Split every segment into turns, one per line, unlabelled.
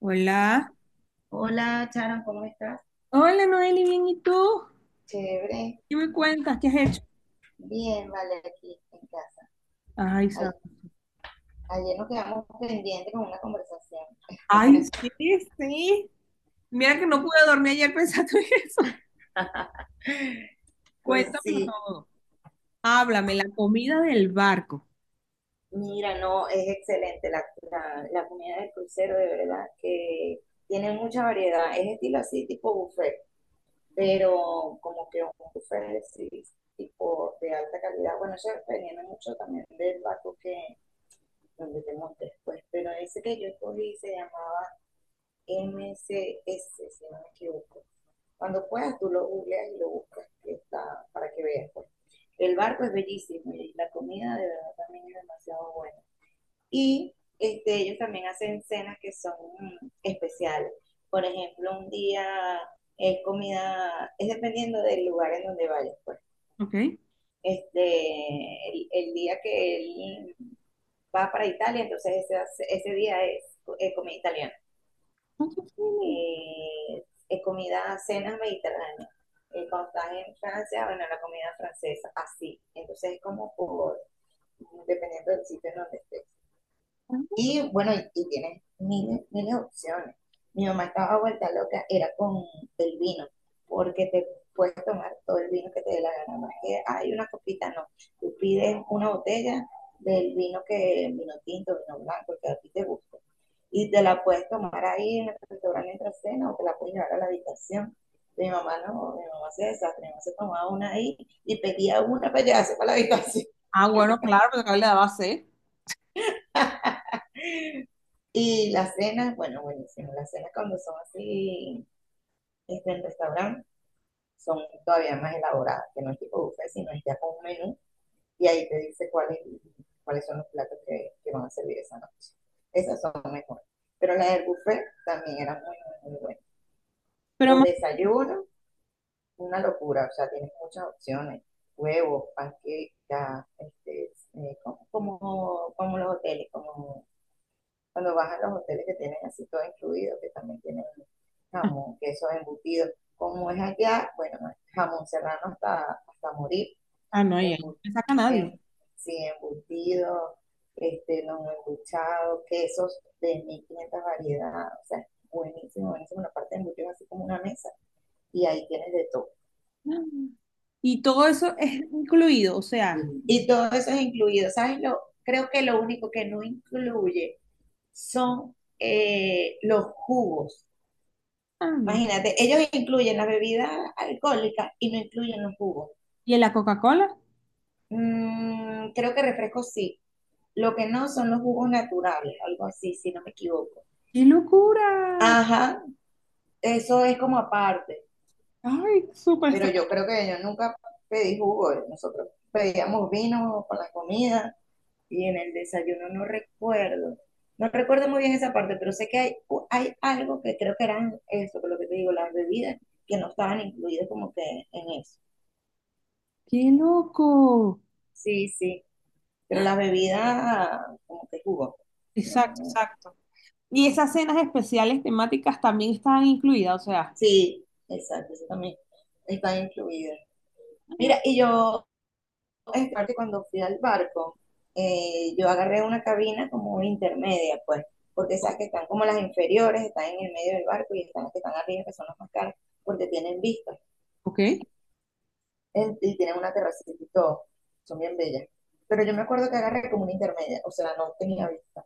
Hola,
Hola, Charon, ¿cómo estás?
Hola Noeli, bien, ¿y tú?
Chévere,
¿Qué me cuentas? ¿Qué has hecho?
bien, vale, aquí en casa.
Ay,
Ay-
sabes.
Ayer nos quedamos pendientes con una conversación.
Ay, sí, sí. Mira que no pude dormir ayer pensando en eso.
Pues
Cuéntamelo
sí,
todo. Háblame, la comida del barco.
mira, no, es excelente la comida del crucero, de verdad, que tiene mucha variedad. Es estilo así, tipo buffet,
O-
pero como que un buffet sí, tipo de alta calidad. Bueno, eso dependiendo mucho también del barco que, donde te montes, pues. Pero ese que yo escogí se llamaba MCS, si no me equivoco. Cuando puedas, tú lo googleas y lo buscas, que está, para que veas, pues. El barco es bellísimo y la comida de verdad también es demasiado buena. Y este, ellos también hacen cenas que son especiales. Por ejemplo, un día es comida, es dependiendo del lugar en donde vayas, pues.
Ok. Ay,
Este, el día que él va para Italia, entonces ese día es comida italiana,
qué fino.
eh, comida, cenas mediterráneas. Cuando estás en Francia, bueno, la comida francesa, así. Entonces es como por, dependiendo del sitio en donde estés. Y bueno, y tienes miles, miles de opciones. Mi mamá estaba vuelta loca, era con el vino, porque te puedes tomar todo el vino que te dé la gana. No es que hay una copita, no. Tú pides una botella del vino que, vino tinto, vino blanco, que a ti te guste. Y te la puedes tomar ahí en el restaurante entre cena o te la puedes llevar a la habitación. Mi mamá no, mi mamá se desastre, mi mamá se tomaba una ahí y pedía una para llevarse para la habitación.
Ah, bueno, claro, pero acá le daba sed.
Y las cenas, bueno, buenísimo, las cenas cuando son así este, el restaurante son todavía más elaboradas, que no es tipo buffet, sino es ya con un menú y ahí te dice cuáles son los platos que van a servir esa noche. Esas son mejores. Pero las del buffet también eran muy, muy, muy buenas.
Pero
Los
más.
desayunos, una locura, o sea, tienes muchas opciones. Huevos, panquecas, este, como los hoteles, como cuando vas a los hoteles que tienen así todo incluido, que también tienen jamón, queso embutido. Como es allá, bueno, jamón serrano hasta morir,
Ah, no, ya no
embu-
me saca nadie.
em- sí, embutido, este, los embuchados, quesos de 1.500 variedades. O sea, buenísimo, buenísimo. Una parte de embutido es así como una mesa y ahí tienes de todo.
Y todo eso es incluido, o sea.
Y todo eso es incluido. ¿Sabes? Lo, creo que lo único que no incluye son los jugos.
Ah, no.
Imagínate, ellos incluyen las bebidas alcohólicas y no incluyen los jugos.
¿Y en la Coca-Cola?
Creo que refrescos sí. Lo que no son los jugos naturales, algo así, si no me equivoco.
¡Qué locura!
Ajá, eso es como aparte.
Ay, súper
Pero
extraño.
yo creo que yo nunca pedí jugo. Nosotros pedíamos vino para la comida y en el desayuno no recuerdo. No recuerdo muy bien esa parte, pero sé que hay, hay algo que creo que eran eso, que lo que te digo, las bebidas que no estaban incluidas como que en eso.
¡Qué loco!
Sí, sí. Pero la bebida, como que jugo.
Exacto,
No.
exacto. Y esas cenas especiales temáticas también estaban incluidas, o sea.
Sí, exacto, eso también está incluido. Mira, y yo, es parte cuando fui al barco, yo agarré una cabina como intermedia, pues, porque sabes que están como las inferiores, están en el medio del barco y están las que están arriba, que son las más caras, porque tienen vistas
Ok,
y tienen una terracita y todo, son bien bellas. Pero yo me acuerdo que agarré como una intermedia, o sea, no tenía vista.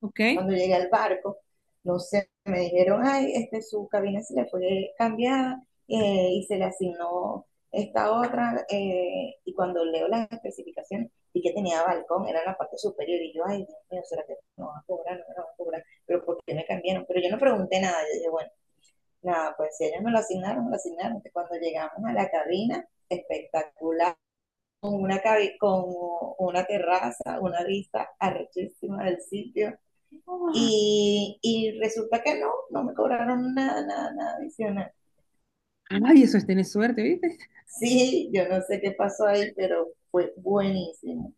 ok.
Cuando llegué al barco, no sé, me dijeron, ay, este, su cabina se le fue cambiada y se le asignó esta otra. Y cuando leo las especificaciones, vi que tenía balcón, era en la parte superior. Y yo, ay, Dios mío, ¿será que no van a cobrar? No me van a cobrar. Pero ¿por qué me cambiaron? Pero yo no pregunté nada. Yo dije, bueno, nada, pues si ellos me lo asignaron, me lo asignaron. Cuando llegamos a la cabina, espectacular una, con una terraza, una vista arrechísima del sitio,
¡Ah!
y resulta que no, no me cobraron nada, nada, nada adicional.
Ay, eso es tener suerte, ¿viste?
Sí, yo no sé qué pasó ahí, pero fue buenísimo,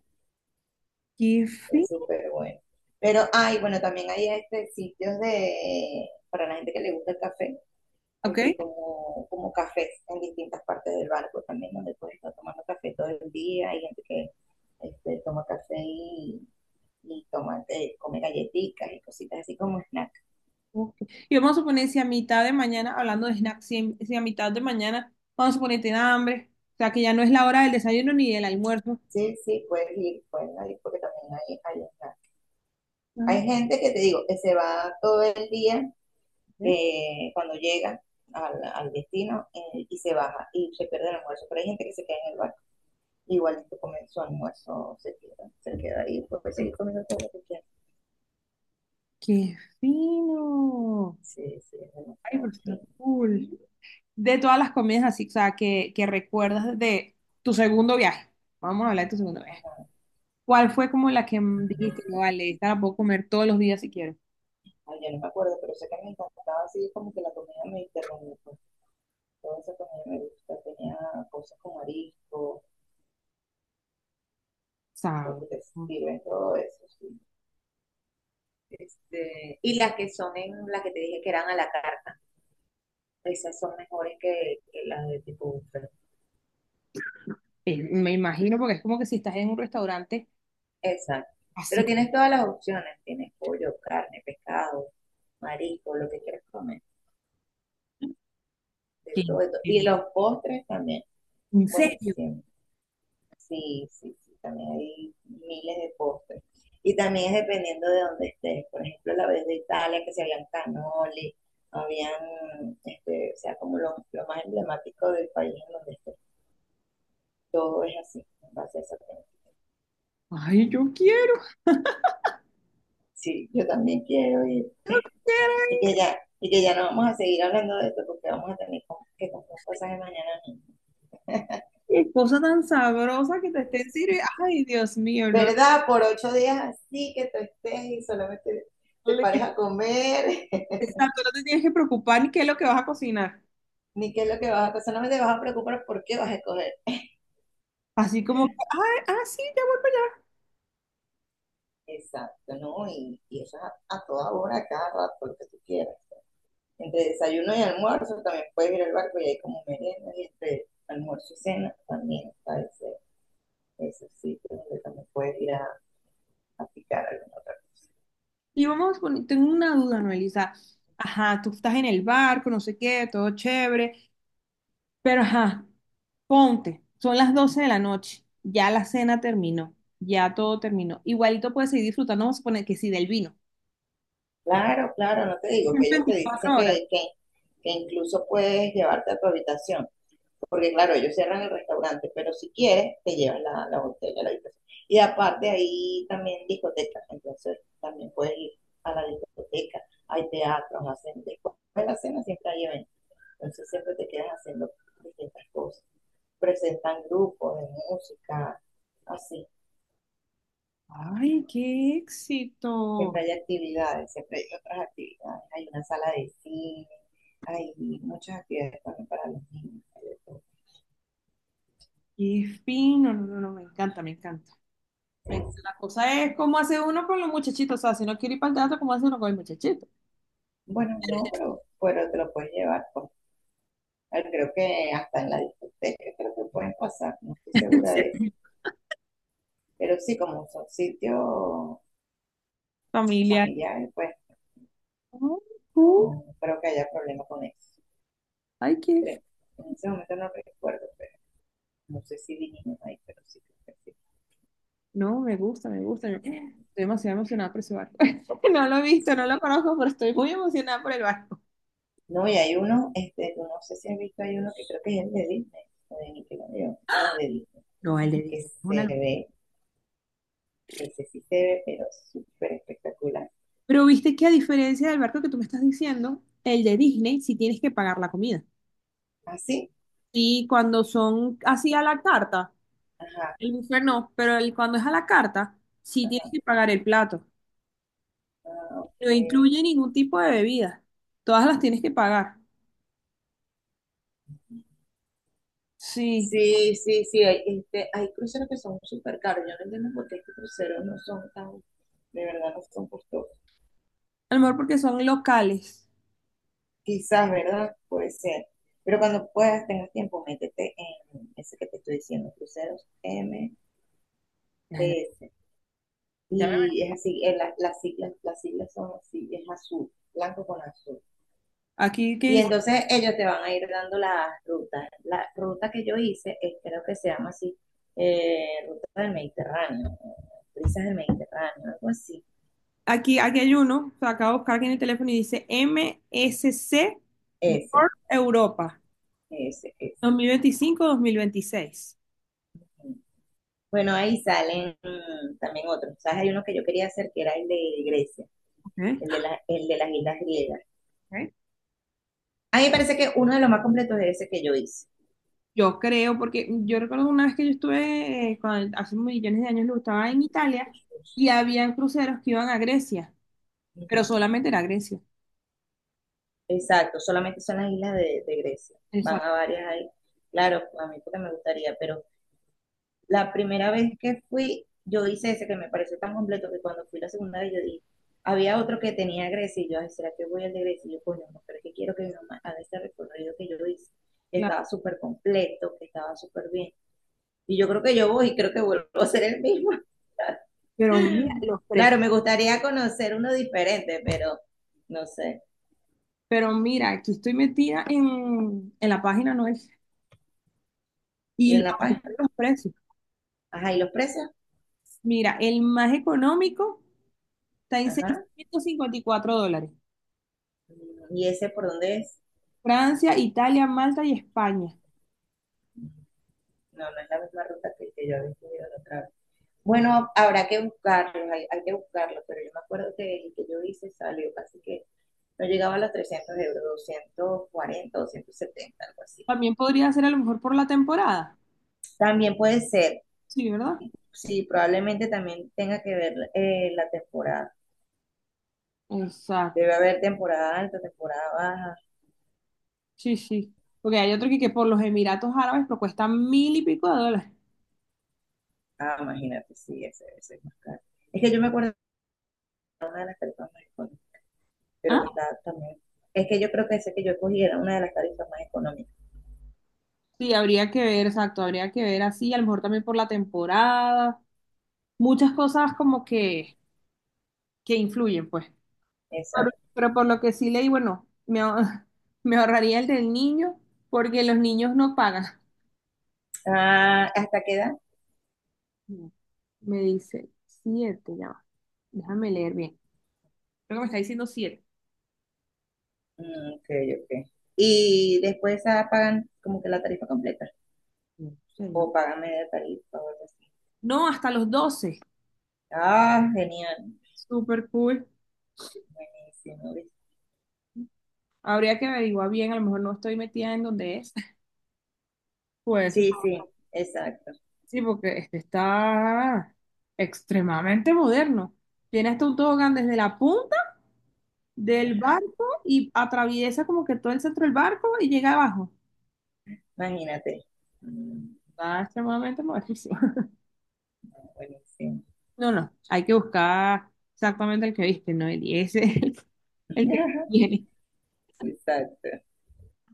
Qué
fue
fin.
súper bueno. Pero, ay, bueno, también hay este, sitios de, para la gente que le gusta el café,
Ok.
este, como cafés en distintas partes del barco también, donde puedes estar tomando café todo el día, hay gente que este, toma café y toma, come galletitas y cositas así como snack.
Ok. Y vamos a suponer si a mitad de mañana, hablando de snacks, si a mitad de mañana, vamos a suponer tiene hambre, o sea que ya no es la hora del desayuno ni del almuerzo.
Sí, sí, puedes ir, pueden ir porque también hay, snack.
Ah,
Hay gente que te digo, que se va todo el día,
ok.
cuando llega al destino y se baja y se pierde el almuerzo, pero hay gente que se queda en el barco. Igualito comen su almuerzo, se queda ahí, pues puede seguir comiendo todo lo que quiera.
¡Qué fino!
Sí, sí, es
Ay, pero
demasiado
está
fino.
cool. De todas las comidas así, o sea, que recuerdas de tu segundo viaje. Vamos a hablar de tu segundo viaje.
Ajá.
¿Cuál fue como la que dijiste, "No, vale, esta la puedo comer todos los días si quiero?
Ay, yo no me acuerdo, pero sé que me encantaba así como que la comida mediterránea, pues toda esa comida me gusta, tenía cosas con marisco,
Sabes.
porque te sirven todo eso, sí. Este, y las que son en las que te dije que eran a la carta, esas son mejores que las de tipo buffet.
Me imagino, porque es como que si estás en un restaurante
Exacto. Pero
así,
tienes todas las opciones. Tienes pollo, carne, pescado, marisco, lo que quieras comer. De
que-
todo, de todo.
que-
Y los postres también.
¿en serio?
Buenísimo. Sí, sí, sí. También hay miles de postres. Y también es dependiendo de dónde estés. Por ejemplo, la vez de Italia, que se habían cannoli, habían, este, o sea, como lo más emblemático del país en donde estés. Todo es así, en base a esa temática.
Ay, yo quiero,
Sí, yo también quiero ir. y
quiero,
que ya, y que ya no vamos a seguir hablando de esto porque vamos a tener que comprar cosas de mañana mismo.
qué cosa tan sabrosa que te estén sirviendo. Ay, Dios mío, no.
¿Verdad? Por 8 días así que tú estés y solamente te
Vale".
pares a comer,
Exacto, no te tienes que preocupar ni qué es lo que vas a cocinar.
ni qué es lo que vas a hacer, solamente te vas a preocupar por qué vas a escoger.
Así como, que, ay, ah, sí, ya.
Exacto, ¿no? Y eso es a, toda hora, a cada rato, lo que tú quieras. Entre desayuno y almuerzo también puedes ir al barco y hay como merienda y entre almuerzo y cena también está ese sitio donde también puedes ir a picar alguna otra.
Y vamos a poner, tengo una duda, Noelisa. Ajá, tú estás en el barco, no sé qué, todo chévere. Pero ajá, ponte, son las 12 de la noche, ya la cena terminó, ya todo terminó. Igualito puedes seguir disfrutando, vamos a suponer que sí, del vino.
Claro, claro, no te digo
Son
que ellos te
24
dicen
horas.
que, que incluso puedes llevarte a tu habitación, porque claro, ellos cierran el restaurante, pero si quieres, te llevan la botella a la habitación. Y aparte ahí también discotecas, entonces también puedes ir a la discoteca, hay teatros, hacen después de la cena siempre hay eventos, entonces siempre te quedas haciendo distintas cosas. Presentan grupos de música, así.
Ay, qué éxito,
Siempre hay actividades, siempre hay otras actividades. Hay una sala de cine, hay muchas actividades también para los niños. Hay de todo.
qué fino, no, no, no, me encanta, me encanta.
Sí,
Me encanta.
sí.
La cosa es cómo hace uno con los muchachitos, o sea, si no quiere ir para el teatro, ¿cómo hace uno con el muchachito?
Bueno, no, pero te lo puedes llevar, pues. Ah, creo que hasta en la discoteca, creo que pueden pasar, no estoy segura de eso.
Sí.
Pero sí, como son sitios
Familiar.
familiares, pues
Ay, cool.
no creo que haya problema con eso.
Ay, qué.
Creo. En ese momento no recuerdo, pero no sé si vinimos ahí, pero sí creo que sí.
No, me gusta, me gusta. Estoy demasiado emocionada por ese bar. No lo he visto, no lo
Sí.
conozco, pero estoy muy emocionada por el bar.
No, y hay uno, este, no sé si has visto, hay uno que creo que es el de Disney, o de Nickelodeon, no de Disney,
No, el de Disney.
que
Es una
se
locura.
ve, ese sí se ve, pero súper espectacular.
Pero viste que a diferencia del barco que tú me estás diciendo, el de Disney sí tienes que pagar la comida.
¿Ah, sí?
Y cuando son así a la carta,
Ajá,
el buffet no, pero cuando es a la carta, sí tienes que pagar el plato.
ah, ok.
No incluye ningún tipo de bebida. Todas las tienes que pagar. Sí,
Sí, sí, sí, hay, este, hay cruceros que son súper caros. Yo no entiendo por qué estos cruceros no son tan, de verdad no son costosos.
a lo mejor porque son locales.
Quizás, ¿verdad? Puede ser. Pero cuando puedas, tengas tiempo, métete en ese que te estoy diciendo, cruceros MTS.
Ya, ya. Ya veo.
Y es así, las siglas son así, es azul, blanco con azul.
Aquí, que
Y
dice-
entonces ellos te van a ir dando las rutas. La ruta que yo hice, creo que se llama así, Ruta del Mediterráneo, Brisas del Mediterráneo, algo así.
aquí hay uno, o sea, acabo de buscar aquí en el teléfono y dice MSC
Ese,
Europa
ese, ese.
2025-2026.
Bueno, ahí salen también otros. ¿Sabes? Hay uno que yo quería hacer que era el de Grecia,
Ok.
el de las islas griegas.
Ok.
A mí me parece que uno de los más completos es ese que yo hice.
Yo creo, porque yo recuerdo una vez que yo estuve, hace millones de años, lo estaba en Italia y habían cruceros que iban a Grecia, pero solamente era Grecia.
Exacto, solamente son las islas de Grecia. Van
Exacto,
a varias ahí. Claro, a mí porque me gustaría, pero la primera vez que fui, yo hice ese que me pareció tan completo que cuando fui la segunda vez yo dije, había otro que tenía Grecia y yo, ay, ¿será que voy al de Grecia? Y yo, coño, no, pero es que quiero que mi mamá haga ese recorrido que yo hice, que
claro.
estaba súper completo, que estaba súper bien. Y yo creo que yo voy y creo que vuelvo a ser el mismo.
Pero mira los precios.
Claro, me gustaría conocer uno diferente, pero no sé.
Pero mira, aquí estoy metida en la página, ¿no es? Y
¿Y en
lo-
La Paz?
aumentaron los precios.
Ajá, ¿y los precios?
Mira, el más económico está en
Ajá.
654 dólares.
¿Y ese por dónde es?
Francia, Italia, Malta y España.
No, no es la misma ruta que yo había subido la otra vez. Bueno, habrá que buscarlo, hay, que buscarlo, pero yo me acuerdo que el que yo hice salió casi que no llegaba a los 300 euros, 240, 270 algo así.
También podría ser a lo mejor por la temporada.
También puede ser,
Sí, ¿verdad?
sí, probablemente también tenga que ver la temporada. Debe
Exacto.
haber temporada alta, temporada baja.
Sí, sí. Porque hay otro que por los Emiratos Árabes pero cuesta mil y pico de dólares.
Ah, imagínate, sí, ese debe ser más caro. Es que yo me acuerdo que una de las tarifas más pero que
Ah,
está también. Es que yo creo que ese que yo cogí era una de las tarifas más económicas.
sí, habría que ver, exacto, habría que ver así, a lo mejor también por la temporada, muchas cosas como que, influyen, pues. Pero,
Exacto.
pero por lo que sí leí, bueno, me ahorraría el del niño, porque los niños no pagan.
Ah, ¿hasta qué edad?
No, me dice siete, ya va. Déjame leer bien. Creo que me está diciendo siete.
Ok, ok. Y después ah, pagan como que la tarifa completa.
No, sé,
O pagan media tarifa o algo así.
no, hasta los 12.
Ah, genial.
Súper cool.
Buenísimo, ¿viste?
Habría que averiguar bien, a lo mejor no estoy metida en donde es. Pues
Sí, sí, exacto.
sí, porque este está extremadamente moderno. Tiene hasta un tobogán desde la punta del
Ajá.
barco y atraviesa como que todo el centro del barco y llega abajo.
Imagínate. Mm,
Está extremadamente modernísimo.
Buenísimo.
No, no, hay que buscar exactamente el que viste, ¿no? Y ese es el que tiene.
Exacto.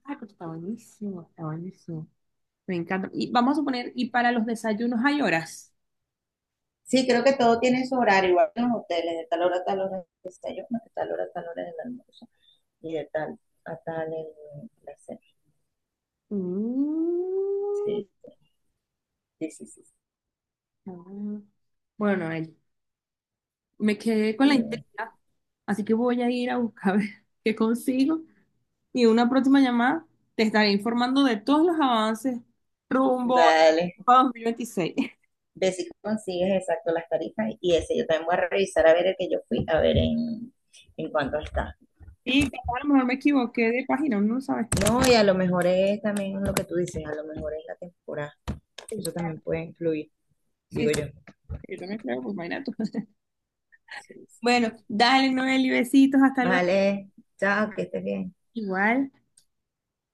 Ah, pero está buenísimo, está buenísimo. Me encanta. Y vamos a suponer, ¿y para los desayunos hay horas?
Sí, creo que todo tiene su horario, igual que en los hoteles, de tal hora a tal hora el desayuno, de tal hora a tal hora el almuerzo y de tal a tal el, la cena.
Mm.
Sí, sí, sí, sí,
Ah, bueno, Noel, me quedé con
sí.
la intriga, así que voy a ir a buscar a ver qué consigo y en una próxima llamada te estaré informando de todos los avances rumbo
Dale,
a 2026.
ve si consigues exacto las tarifas y ese yo también voy a revisar a ver el que yo fui, a ver en, cuánto está.
Y capaz a lo mejor me equivoqué de página, uno no sabe.
No, y a lo mejor es también lo que tú dices, a lo mejor es la temporada,
Sí,
eso también puede influir,
sí,
digo yo.
yo también creo, pues imagínate tú.
Sí, sí.
Bueno, dale, Noel, y besitos, hasta luego.
Vale, chao, que estés bien.
Igual.